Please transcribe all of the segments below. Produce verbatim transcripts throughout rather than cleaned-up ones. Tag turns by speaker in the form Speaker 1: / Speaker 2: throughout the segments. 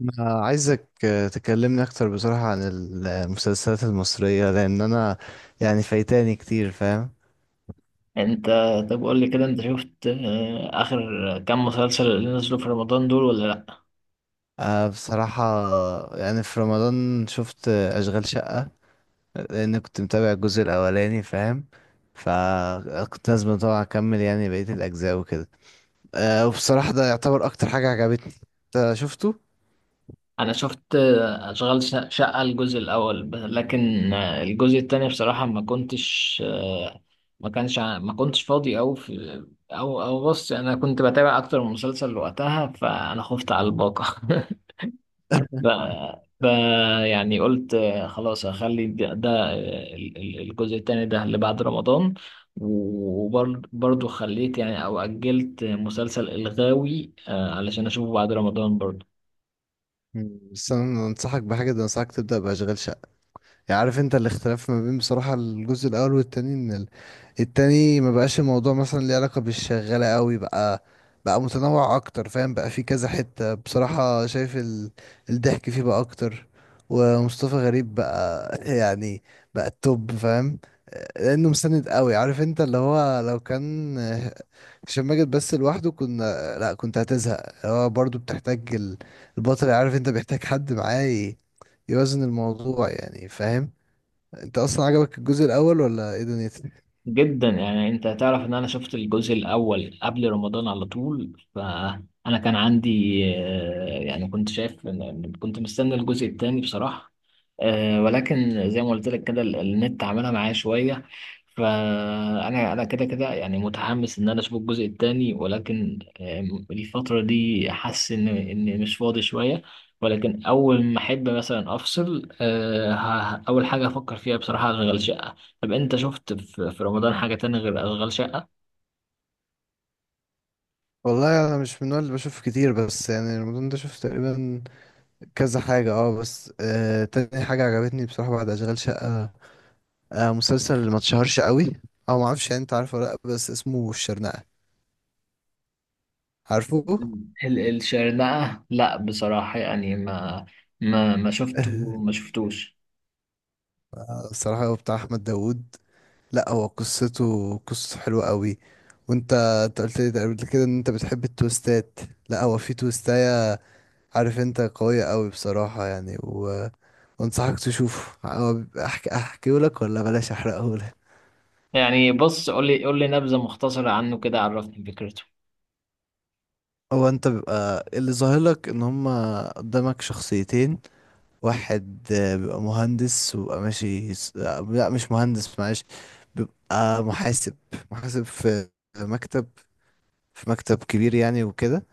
Speaker 1: أنا عايزك آه، تكلمني أكتر بصراحة عن المسلسلات المصرية، لأن أنا يعني فايتاني كتير، فاهم.
Speaker 2: انت طب قول لي كده، انت شفت آه، اخر كام مسلسل اللي نزلوا في رمضان دول ولا لا؟
Speaker 1: آه، بصراحة، يعني في رمضان شفت آه، أشغال شقة، لأن كنت متابع الجزء الأولاني، فاهم. فكنت لازم طبعا أكمل يعني بقية الأجزاء وكده. آه، وبصراحة ده يعتبر أكتر حاجة عجبتني. أنت شفته؟
Speaker 2: انا شفت آه، اشغال ش- شقة الجزء الاول، ب- لكن آه، الجزء التاني بصراحة ما كنتش آه، ما كانش ع- ما كنتش فاضي او في، او او بص انا كنت بتابع اكتر من مسلسل وقتها، فانا خفت على الباقة ف... ف يعني قلت آه، خلاص هخلي ده, ده، آه، ال- ال- الجزء التاني ده اللي بعد رمضان، وبرضه خليت يعني او اجلت مسلسل الغاوي آه، علشان اشوفه بعد رمضان برضه.
Speaker 1: مم. بس أنا أنصحك بحاجة، ده أنصحك تبدأ بأشغال شقة. يعني عارف انت الاختلاف ما بين بصراحة الجزء الاول والتاني، ان ال- التاني ما بقاش الموضوع مثلا ليه علاقة بالشغالة قوي. بقى بقى متنوع اكتر، فاهم، بقى في كذا حتة بصراحة، شايف ال... الضحك فيه بقى اكتر. ومصطفى غريب بقى يعني بقى التوب، فاهم، لانه مستند قوي، عارف انت اللي هو لو كان هشام ماجد بس لوحده كنا لا كنت هتزهق. هو برضو بتحتاج ال- البطل، عارف انت، بيحتاج حد معاه ي- يوازن الموضوع يعني، فاهم. انت اصلا عجبك الجزء الاول ولا ايه دنيتك؟
Speaker 2: جدا. يعني انت تعرف ان انا شفت الجزء الاول قبل رمضان على طول، فانا كان عندي آه، يعني كنت شايف إن- كنت مستني الجزء الثاني بصراحة، آه، ولكن زي ما قلت لك كده ال- النت عملها معايا شوية. فانا انا كده كده يعني متحمس ان انا اشوف الجزء الثاني، ولكن آم، الفترة دي حاسس ان ان مش فاضي شوية، ولكن اول ما احب مثلا افصل، آه، ه- اول حاجة افكر فيها بصراحة اشغل شقة. طب انت شفت في في رمضان حاجة تانية غير اشغال شقة؟
Speaker 1: والله انا مش من النوع اللي بشوف كتير، بس يعني رمضان ده شفت تقريبا كذا حاجه. اه بس آه تاني حاجه عجبتني بصراحه بعد اشغال شقه، آه مسلسل اللي ما اتشهرش قوي او ما اعرفش يعني، انت عارفه ولا لا؟ بس اسمه الشرنقه، عارفه؟
Speaker 2: ال- الشرنقة لا بصراحة، يعني ما ما ما
Speaker 1: آه،
Speaker 2: شفته ما شفتوش.
Speaker 1: بصراحه هو بتاع احمد داوود. لا هو قصته قصته حلوه. قبل كده وانت انت قلت لي قبل كده ان انت بتحب التويستات. لا هو في تويستاية، عارف انت، قوية قوي بصراحة، يعني و... وانصحك تشوفه. هو بيبقى احكي احكيه لك ولا بلاش احرقه لك؟
Speaker 2: يعني بص، قول لي قول لي نبذة مختصرة عنه كده، عرفني فكرته.
Speaker 1: هو انت بيبقى اللي ظاهر لك ان هما قدامك شخصيتين. واحد آه، بيبقى مهندس وبيبقى ماشي س- آه، لا مش مهندس معلش، بيبقى محاسب. محاسب في مكتب، في مكتب كبير يعني وكده.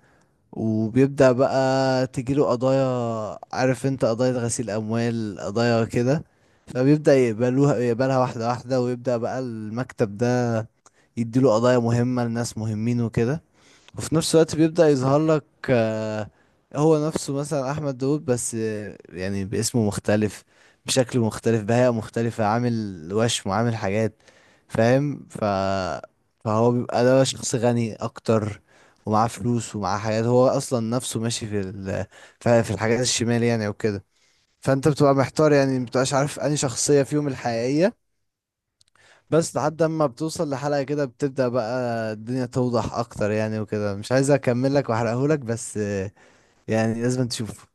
Speaker 1: وبيبدأ بقى تجيله قضايا، عارف انت، قضايا غسيل أموال، قضايا كده. فبيبدأ يقبلوها يقبلها واحدة واحدة، ويبدأ بقى المكتب ده يديله قضايا مهمة لناس مهمين وكده. وفي نفس الوقت بيبدأ يظهر لك آه، هو نفسه مثلا أحمد داود، بس آه، يعني باسمه مختلف، بشكل مختلف، بهيئة مختلفة، عامل وشم وعامل حاجات، فاهم. ف... فهو بيبقى ده شخص غني أكتر، ومعاه فلوس ومعاه حاجات، هو أصلا نفسه ماشي في ال... في في الحاجات الشمال يعني وكده. فأنت بتبقى محتار يعني، مبتبقاش عارف أنهي شخصية فيهم الحقيقية، بس لحد اما بتوصل لحلقة كده بتبدأ بقى الدنيا توضح اكتر يعني وكده. مش عايز اكمل لك واحرقهولك، بس آه، يعني لازم تشوفه.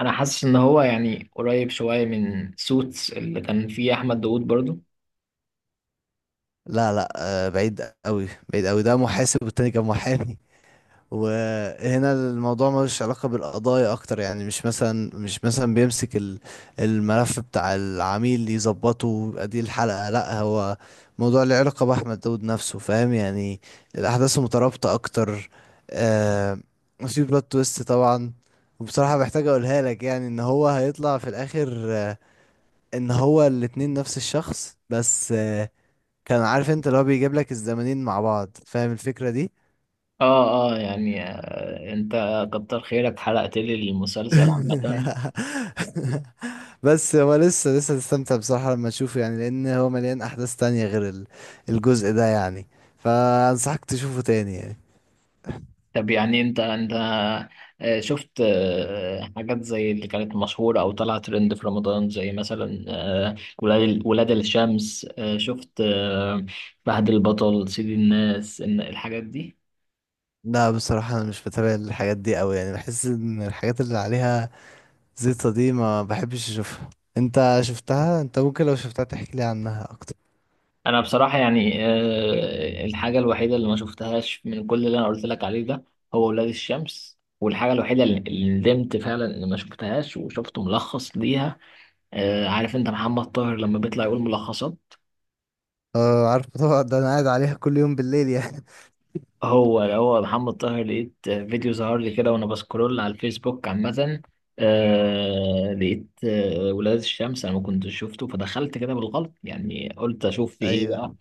Speaker 2: انا حاسس ان هو يعني قريب شوية من سوتس اللي كان فيه احمد داوود برضو.
Speaker 1: لا لا، آه، بعيد قوي بعيد قوي، ده محاسب والتاني كان محامي. وهنا الموضوع ملوش علاقة بالقضايا أكتر، يعني مش مثلا مش مثلا بيمسك ال- الملف بتاع العميل يظبطه ويبقى دي الحلقة، لأ. هو موضوع له علاقة بأحمد داود نفسه، فاهم يعني، الأحداث مترابطة أكتر. آه، في بلوت تويست طبعا. وبصراحة محتاج أقولها لك، يعني إن هو هيطلع في الآخر آه، إن هو الاتنين نفس الشخص، بس آه، كان عارف انت اللي هو بيجيب لك الزمانين مع بعض، فاهم الفكرة دي؟
Speaker 2: اه، اه، يعني آه انت، كتر خيرك حرقت لي المسلسل عامة.
Speaker 1: بس هو لسه لسه هتستمتع بصراحة لما تشوفه، يعني لأن هو مليان أحداث تانية غير ال- الجزء ده يعني. فأنصحك تشوفه تاني يعني.
Speaker 2: طب يعني انت انت آه، شفت آه، حاجات زي اللي كانت مشهورة او طلعت ترند في رمضان، زي مثلا آه، ولاد ولاد الشمس، آه، شفت آه، فهد البطل، سيد الناس، ان الحاجات دي؟
Speaker 1: لا، بصراحة أنا مش بتابع الحاجات دي أوي، يعني بحس إن الحاجات اللي عليها زيطة دي ما بحبش أشوفها. أنت شفتها؟ أنت ممكن لو شفتها تحكي لي عنها أكتر.
Speaker 2: انا بصراحة يعني آه، الحاجة الوحيدة اللي ما شفتهاش من كل اللي انا قلت لك عليه ده هو ولاد الشمس، والحاجة الوحيدة اللي اللي ندمت فعلا ان ما شفتهاش وشفت ملخص ليها. آه، عارف انت محمد طاهر لما بيطلع يقول ملخصات؟
Speaker 1: أه عارف طبعا، ده أنا قاعد عليها كل يوم بالليل يعني.
Speaker 2: هو هو محمد طاهر، لقيت فيديو ظهر لي كده وانا بسكرول على الفيسبوك عامة، آه لقيت آه ولاد الشمس، انا ما كنتش شفته فدخلت كده بالغلط يعني، قلت اشوف في ايه بقى.
Speaker 1: أيوه.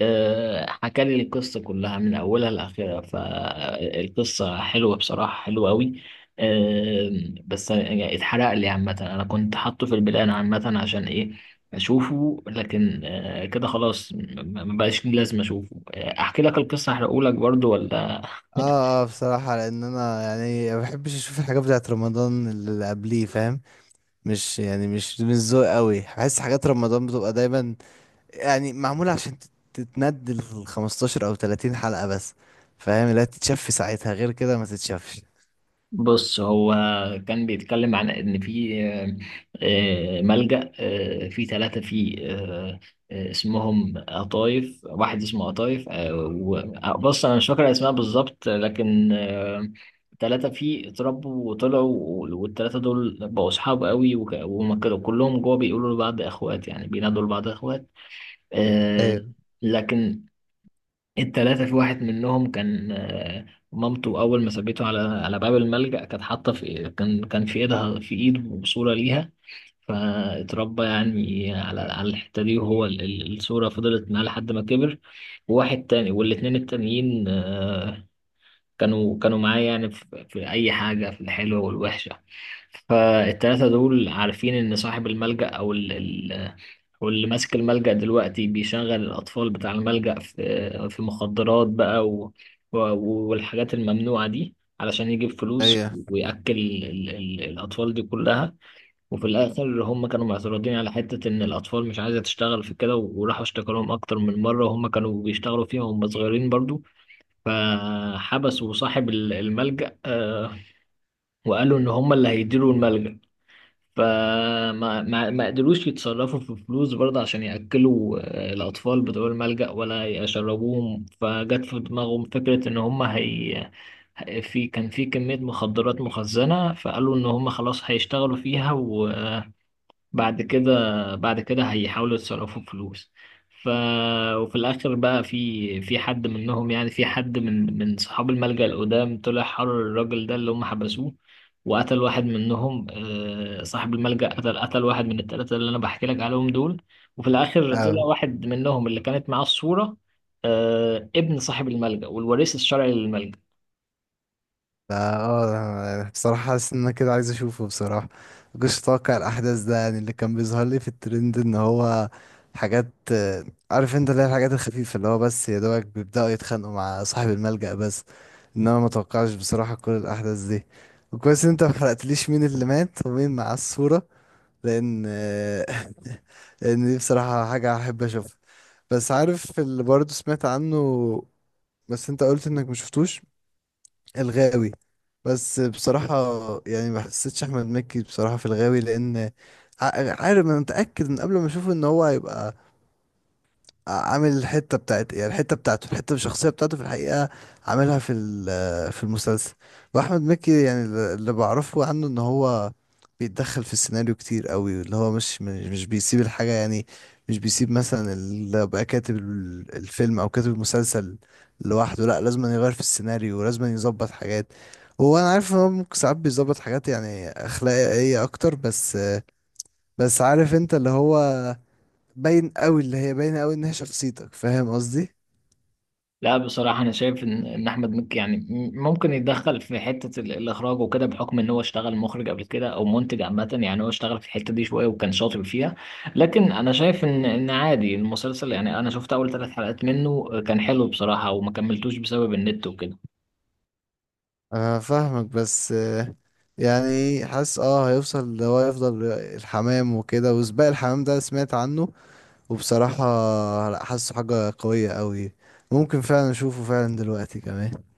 Speaker 2: آه، حكى لي القصة كلها من أولها لآخرها، فالقصة حلوة بصراحة، حلوة أوي. آه، بس يعني اتحرق لي عامة، أنا كنت حاطه في البلان عامة عشان إيه أشوفه، لكن آه، كده خلاص م- م- مبقاش لي لازم أشوفه. آه، أحكي لك القصة أحرقهولك برضو ولا؟
Speaker 1: اه اه، بصراحة لأن أنا يعني ما بحبش أشوف الحاجات بتاعت رمضان اللي قبليه، فاهم، مش يعني مش من ذوق قوي. بحس حاجات رمضان بتبقى دايما يعني معمولة عشان تت- تتندل خمستاشر او تلاتين حلقة بس، فاهم. لا تتشاف في ساعتها غير كده ما تتشافش.
Speaker 2: بص، هو كان بيتكلم عن ان في آه، آه، ملجأ، آه، في ثلاثة، في آه، آه، اسمهم قطايف، واحد اسمه قطايف، آه، و- آه، بص انا مش فاكر اسماء بالظبط، لكن آه، ثلاثة فيه اتربوا وطلعوا. والثلاثة دول بقوا أصحاب قوي، وك- وهم كده كلهم جوه بيقولوا لبعض إخوات يعني، بينادوا لبعض إخوات. آه،
Speaker 1: ايوه
Speaker 2: لكن التلاتة، في واحد منهم كان آه، مامته أول ما سابته على على باب الملجأ كانت حاطة، في كان كان في إيدها في إيده صورة ليها، فاتربى يعني على على الحتة دي، وهو ال- ال- الصورة فضلت معاه لحد ما كبر. وواحد تاني والاتنين التانيين آه، كانوا كانوا معاه يعني في, في أي حاجة، في الحلوة والوحشة. فالتلاتة دول عارفين إن صاحب الملجأ أو واللي ماسك الملجأ دلوقتي بيشغل الأطفال بتاع الملجأ في في مخدرات بقى، و... و... والحاجات الممنوعة دي علشان يجيب فلوس،
Speaker 1: ايوه.
Speaker 2: ويأكل ال... ال... الأطفال دي كلها. وفي الآخر، هم كانوا معترضين على حتة إن الأطفال مش عايزة تشتغل في كده، وراحوا اشتكوا لهم أكتر من مرة، وهم كانوا بيشتغلوا فيها وهم صغيرين برضو، فحبسوا صاحب ال- الملجأ، آه، وقالوا إن هم اللي هيديروا الملجأ. فما ما ما قدروش يتصرفوا في فلوس برضه عشان يأكلوا آه، الأطفال بتوع الملجأ ولا يشربوهم، فجت في دماغهم فكرة إن هم هي في، كان في كمية مخدرات مخزنة، فقالوا إن هم خلاص هيشتغلوا فيها، بعد كده بعد كده هيحاولوا يتصرفوا فلوس. ف وفي الاخر بقى، في في حد منهم يعني، في حد من من صحاب الملجأ القدام طلع حرر الراجل ده اللي هم حبسوه، وقتل واحد منهم. آه، صاحب الملجأ قتل قتل واحد من الثلاثة اللي انا بحكي لك عليهم دول. وفي الاخر طلع واحد منهم اللي كانت معاه الصورة، آه، ابن صاحب الملجأ والوريث الشرعي للملجأ.
Speaker 1: لا اه، أنا بصراحة حاسس ان انا كده عايز اشوفه بصراحة. مكنتش متوقع الاحداث ده، يعني اللي كان بيظهر لي في الترند ان هو حاجات آه، عارف انت اللي هي الحاجات الخفيفة، اللي هو بس يا دوبك بيبدأوا يتخانقوا مع صاحب الملجأ بس. انما ما توقعش بصراحة كل الاحداث دي. وكويس ان انت ما حرقتليش مين اللي مات ومين مع الصورة، لان آه، لان دي بصراحة حاجة احب اشوفها. بس عارف اللي برضه سمعت عنه، بس انت قلت انك مشفتوش، الغاوي. بس بصراحة يعني ما حسيتش أحمد مكي بصراحة في الغاوي، لأن ع- عارف أنا متأكد من قبل ما أشوفه إن هو هيبقى عامل الحته بتاعت يعني الحته بتاعته، الحته الشخصيه بتاعته في الحقيقه عاملها في ال- في المسلسل. واحمد مكي يعني اللي بعرفه عنه ان هو بيتدخل في السيناريو كتير قوي، اللي هو مش مش مش بيسيب الحاجه يعني، مش بيسيب مثلا اللي بقى كاتب ال- الفيلم او كاتب المسلسل لوحده، لا لازم يغير في السيناريو ولازم يظبط حاجات. هو انا عارف ان هو ممكن ساعات بيظبط حاجات يعني اخلاقيه اكتر، بس بس عارف انت اللي هو باين قوي، اللي هي باينه قوي ان هي شخصيتك، فاهم قصدي؟
Speaker 2: لا بصراحة، أنا شايف إن إن أحمد مكي يعني م- ممكن يتدخل في حتة ال- الإخراج وكده، بحكم إن هو اشتغل مخرج قبل كده أو منتج عامة، يعني هو اشتغل في الحتة دي شوية وكان شاطر فيها. لكن أنا شايف إن إن عادي المسلسل، يعني أنا شفت أول ثلاث حلقات منه كان حلو بصراحة، وما كملتوش بسبب النت وكده.
Speaker 1: انا فاهمك، بس آه، يعني حاسس اه هيوصل اللي هو يفضل الحمام وكده، وسباق الحمام ده سمعت عنه. وبصراحة لا، حاسه حاجة قوية قوي، ممكن فعلا اشوفه فعلا دلوقتي كمان